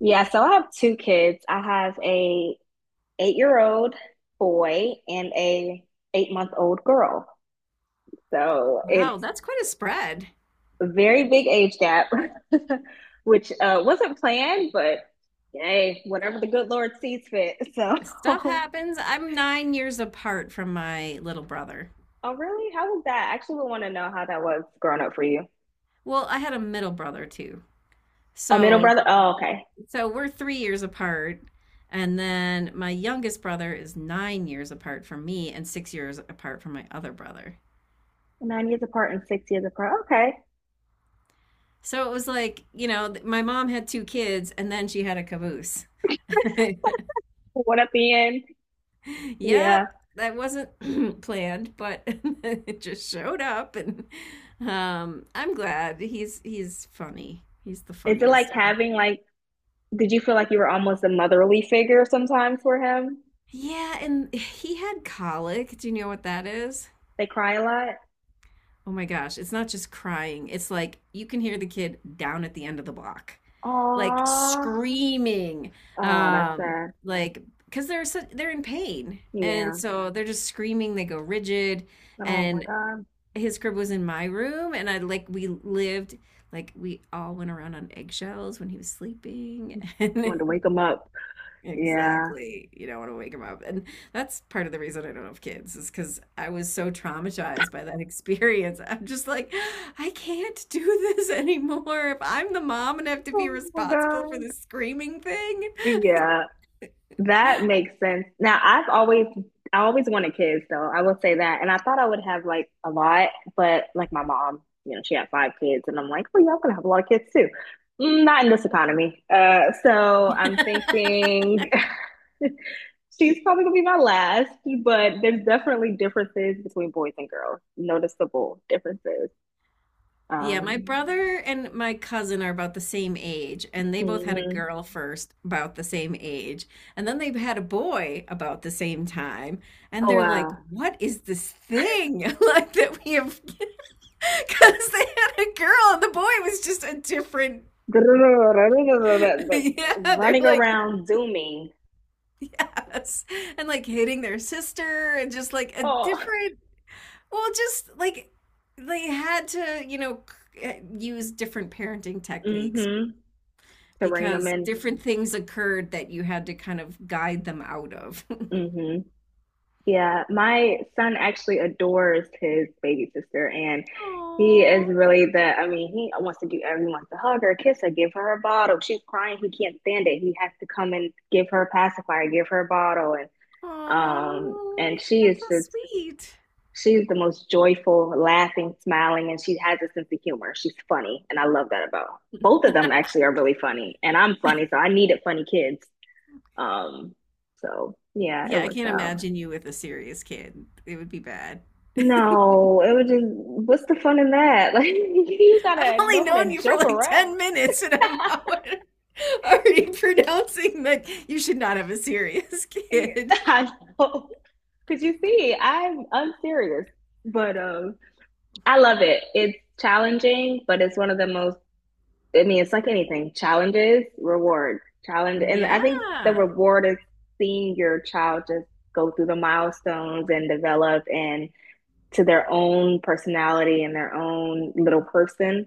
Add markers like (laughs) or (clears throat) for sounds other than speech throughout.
Yeah, so I have two kids. I have a eight-year-old boy and a eight-month-old girl. So Wow, it's that's quite a spread. a very big age gap, (laughs) which wasn't planned, but hey, whatever the good Lord sees fit. So, (laughs) Stuff oh happens. I'm 9 years apart from my little brother. really? How was that? I actually would want to know how that was growing up for you. Well, I had a middle brother too. A middle So, brother? Oh, okay. so we're 3 years apart. And then my youngest brother is 9 years apart from me and 6 years apart from my other brother. 9 years apart and 6 years apart. Okay. So it was like, you know, my mom had two kids and then she had a caboose. (laughs) What at the end? (laughs) Yeah. Yep, that wasn't (clears throat) planned, but (laughs) it just showed up, and I'm glad he's funny. He's the Is it like funniest of them. having like did you feel like you were almost a motherly figure sometimes for him? Yeah, and he had colic. Do you know what that is? They cry a lot. Oh my gosh, it's not just crying. It's like you can hear the kid down at the end of the block, like Aw. screaming, Oh, that's um, sad. like because they're so, they're in pain, and Yeah. so they're just screaming. They go rigid, Oh my and God. his crib was in my room and I we lived like we all went around on eggshells when he was sleeping (laughs) I wanted and to wake him up. Yeah. exactly you don't want to wake him up and that's part of the reason I don't have kids is because I was so traumatized by that (laughs) experience. I'm just like I can't do (laughs) this anymore if I'm the mom and have to be Oh my responsible for God. this screaming thing. Yeah. (laughs) That makes sense. Now, I've always I always wanted kids though. I will say that. And I thought I would have like a lot, but like my mom, you know, she had five kids and I'm like, well, y'all gonna have a lot of kids too. Not in this economy. So I'm thinking (laughs) she's probably gonna be my last, but there's definitely differences between boys and girls. Noticeable differences. Yeah, my Um, brother and my cousin are about the same age, and they both had a mhm. girl first about the same age, and then they had a boy about the same time, and Oh they're like, wow. "What is this thing (laughs) like that we have?" (laughs) Because they had a girl, and the boy was just a different. (laughs) (laughs) Yeah, they're Running like, around zooming. yes, and like hitting their sister, and just like a Oh. different. Well, just like they had to, you know, use different parenting techniques Mm-hmm. To rein them because in. different things occurred that you had to kind of guide them out of. (laughs) Mm-hmm. Yeah, my son actually adores his baby sister, and he is Oh, really the. I mean, he wants to do everything. He wants to hug her, kiss her, give her a bottle. She's crying. He can't stand it. He has to come and give her a pacifier, give her a bottle, and oh, she that's is so just. sweet. She's the most joyful, laughing, smiling, and she has a sense of humor. She's funny, and I love that about both of them. Actually, are really funny, and I'm funny, so I needed funny kids. Um, so yeah, it Yeah, I worked can't out. imagine you with a serious kid. It would be bad. (laughs) I've No, it was just what's the fun in that? Like (laughs) you gotta only know how known to you for joke like around. (laughs) 10 minutes and I'm already (laughs) already pronouncing that you should not have a serious (laughs) Yeah, kid. I know. Cause you see, I'm unserious, but I love it. It's challenging, but it's one of the most. I mean, it's like anything: challenges, reward, challenge, and I think the Yeah. reward is seeing your child just go through the milestones and develop and to their own personality and their own little person.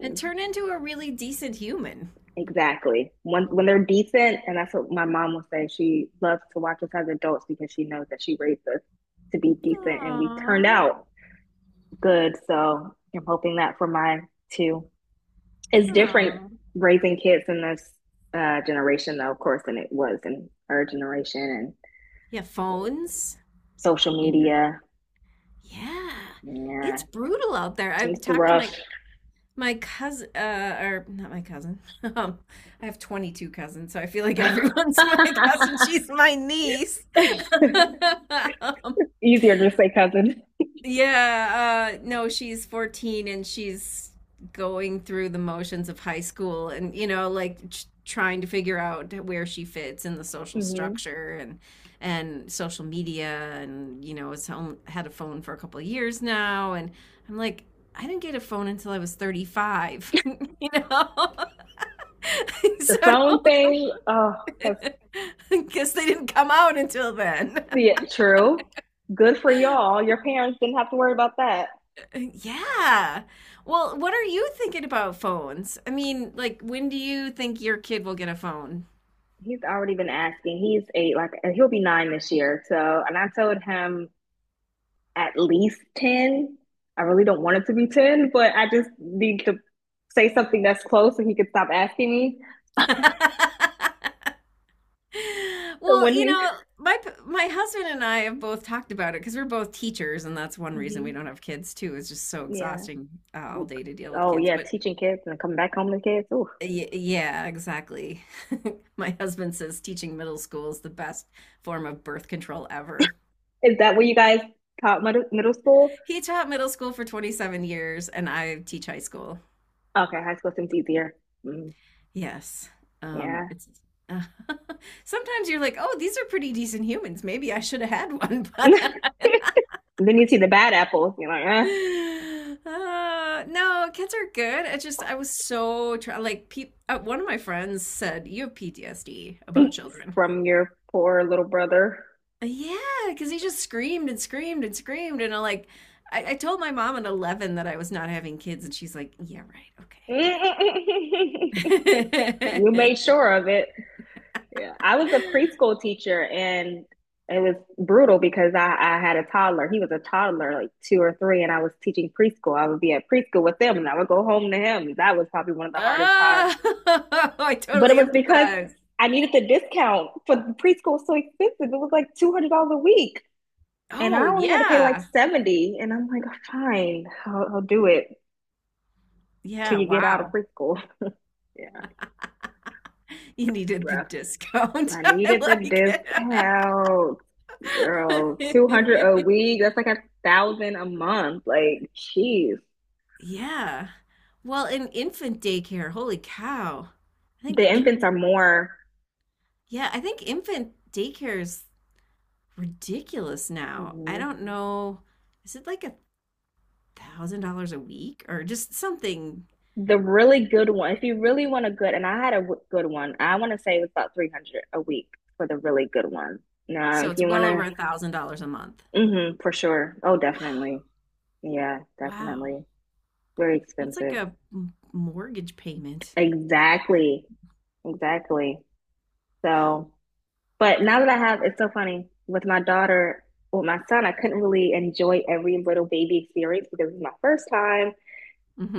And turn into a really decent human. exactly. When they're decent, and that's what my mom will say. She loves to watch us as adults because she knows that she raised us to be decent, and we turned Aww. out good. So I'm hoping that for mine too. It's different Aww. raising kids in this generation, though, of course, than it was in our generation and Yeah, phones. social media. Yeah, it's Yeah, brutal out there. I've it's talked to rough. my my cousin, or not my cousin. (laughs) Um, I have 22 cousins, so I feel like everyone's (laughs) my cousin. She's my niece. (laughs) (laughs) Um, Easier to just say cousin. yeah, no, she's 14 and she's going through the motions of high school and you know like trying to figure out where she fits in the social Hmm. structure and social media and you know had a phone for a couple of years now and I'm like I didn't get a phone until I was 35, (laughs) you know. (laughs) The So phone don't thing, oh, that's (laughs) because they didn't come out until then. yeah, (laughs) true. Good for y'all. Your parents didn't have to worry about that. Yeah. Well, what are you thinking about phones? I mean, like, when do you think your kid will get a phone? He's already been asking. He's eight, like he'll be nine this year. So, and I told him at least 10. I really don't want it to be 10, but I just need to say something that's close so he could stop asking me. (laughs) So Well, when you he, know, my husband and I have both talked about it because we're both teachers, and that's one reason we mhm, don't have kids too. It's just so yeah. exhausting all day to deal with Oh, kids. yeah, But teaching kids and coming back home to kids. Ooh. y yeah, exactly. (laughs) My husband says teaching middle school is the best form of birth control ever. Is that where you guys taught middle, middle school? He taught middle school for 27 years, and I teach high school. Okay, high school seems easier. Mm, Yes. Yeah. It's uh, (laughs) sometimes you're like, oh, these are pretty decent humans. Maybe I should have had one, (laughs) (laughs) but And then you see the bad apples, you're like, no, kids are good. I was so like, peop one of my friends said you have PTSD eh, about (laughs) children. from your poor little brother. Yeah, because he just screamed and screamed and screamed, and I'm like, I told my mom at 11 that I was not having kids, and she's like, yeah, right, okay, (laughs) You made whatever. sure of it. Yeah. I was a (laughs) preschool teacher and it was brutal because I had a toddler. He was a toddler, like two or three, and I was teaching preschool. I would be at preschool with them and I would go home to him. That was probably one of the hardest times. Oh, (laughs) I But it totally was because empathize. I needed the discount for preschool so expensive. It was like $200 a week. And I Oh, only had to pay like yeah. 70. And I'm like, fine, I'll do it till Yeah, you get out of wow. preschool. (laughs) Yeah, You needed the rough. discount. (laughs) I I needed the like discount, girl. 200 a it. (laughs) week. That's like a thousand a month. Like, jeez. Yeah. Well, in infant daycare, holy cow. I think The infants infant, are more yeah, I think infant daycare is ridiculous now. I mhm. don't know. Is it like $1,000 a week or just something? The really good one. If you really want a good, and I had a good one, I want to say it was about 300 a week for the really good one. Now, So if it's you want well over to, $1,000 a month. hmm, for sure. Oh, definitely. Yeah, Wow. definitely. Very That's like expensive. a mortgage payment. Exactly. Exactly. Wow. So, but now that I have, it's so funny with my daughter, with my son, I couldn't really enjoy every little baby experience because it was my first time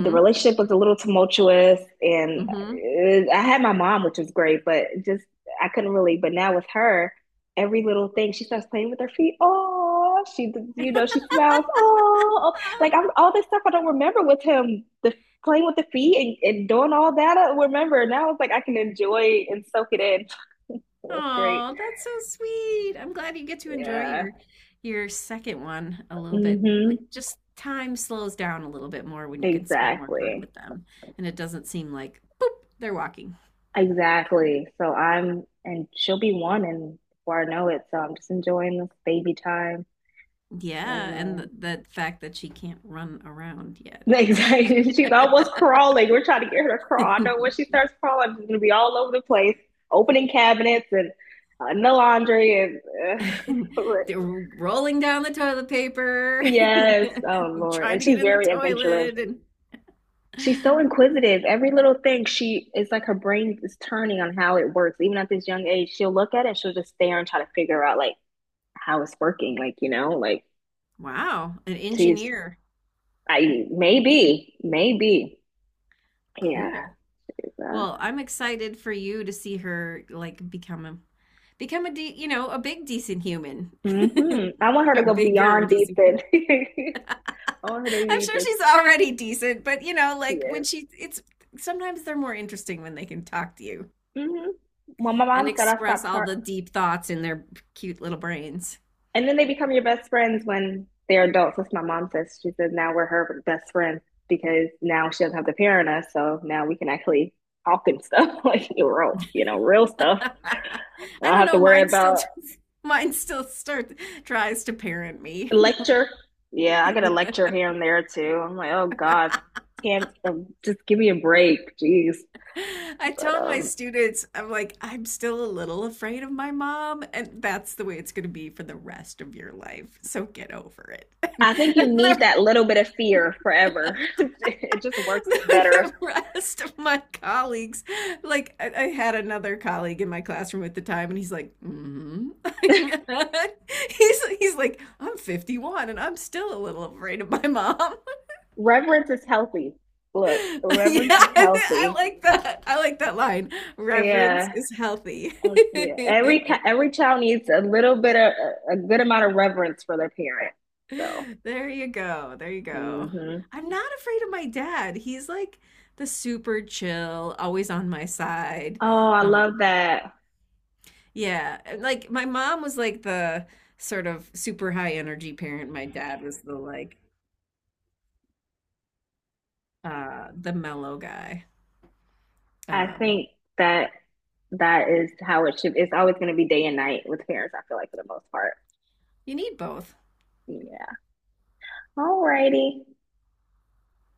the relationship was a little tumultuous and Mm-hmm. it, I had my mom, which was great, but just I couldn't really. But now with her, every little thing, she starts playing with her feet. Oh, she, you know, she smiles. Oh, like I'm, all this stuff I don't remember with him, the playing with the feet and doing all that. I remember now it's like I can enjoy and soak it in. (laughs) It was great. Oh, that's so sweet. I'm glad you get to enjoy Yeah. Your second one a little bit. Like Mm-hmm. just time slows down a little bit more when you can spend more time Exactly. with them and it doesn't seem like boop, they're walking. Exactly. So I'm, and she'll be one, and before I know it, so I'm just enjoying this baby time. Yeah, And and th the fact that she can't run around (laughs) yet. exactly, she's almost (laughs) crawling. We're trying to get her to crawl. I know when she starts crawling, she's gonna be all over the place, opening cabinets and the laundry and. Uh, They're (laughs) rolling down the toilet paper, yes, oh (laughs) Lord. trying And to she's get in the very adventurous. toilet and She's so inquisitive. Every little thing, she it's like her brain is turning on how it works. Even at this young age, she'll look at it, she'll just stare and try to figure out like how it's working. Like, you know, like, wow, an geez, engineer. I maybe, maybe. Yeah. Cool. it's, uh, Well, I'm excited for you to see her like become a you know a big decent human. (laughs) hmm, I want her to A go bigger beyond decent. defense. (laughs) I want her to I'm be sure just, she's already decent, but you know, she like when is. she, it's sometimes they're more interesting when they can talk to you Hmm. Well, my and mom said I express stopped all her. the deep thoughts in their cute little brains. And then they become your best friends when they're adults. That's what my mom says. She says now we're her best friend because now she doesn't have to parent us. So now we can actually talk and stuff (laughs) like real, you know, real (laughs) stuff. I I don't don't have to know, worry about (laughs) mine still start tries to parent me. lecture. Yeah, I (laughs) get a lecture Yeah. here and there too. I'm like, oh God, can't just give me a break, jeez. I But told my students, I'm like, I'm still a little afraid of my mom, and that's the way it's going to be for the rest of your life. So get over I think you need it. that (laughs) little bit of fear forever. (laughs) It And just works the, better. the, the rest of my colleagues, like, I had another colleague in my classroom at the time, and he's like, mm-hmm. (laughs) He's like, I'm 51, and I'm still a little afraid of my mom. (laughs) Reverence is healthy. Look, Yeah, reverence is I healthy. like that. I like that line. Reverence Yeah. is healthy. Let's see it. Every (laughs) every child needs a little bit of a good amount of reverence for their parent. So, (laughs) There you go. There you go. hmm, I'm not afraid of my dad. He's like the super chill, always on my side. oh, I Um, love that. yeah, and, like my mom was like the sort of super high energy parent. My dad was the like the mellow guy. I Um, think that that is how it should. It's always going to be day and night with parents, I feel like, for the most part. you need both. Yeah. Alrighty.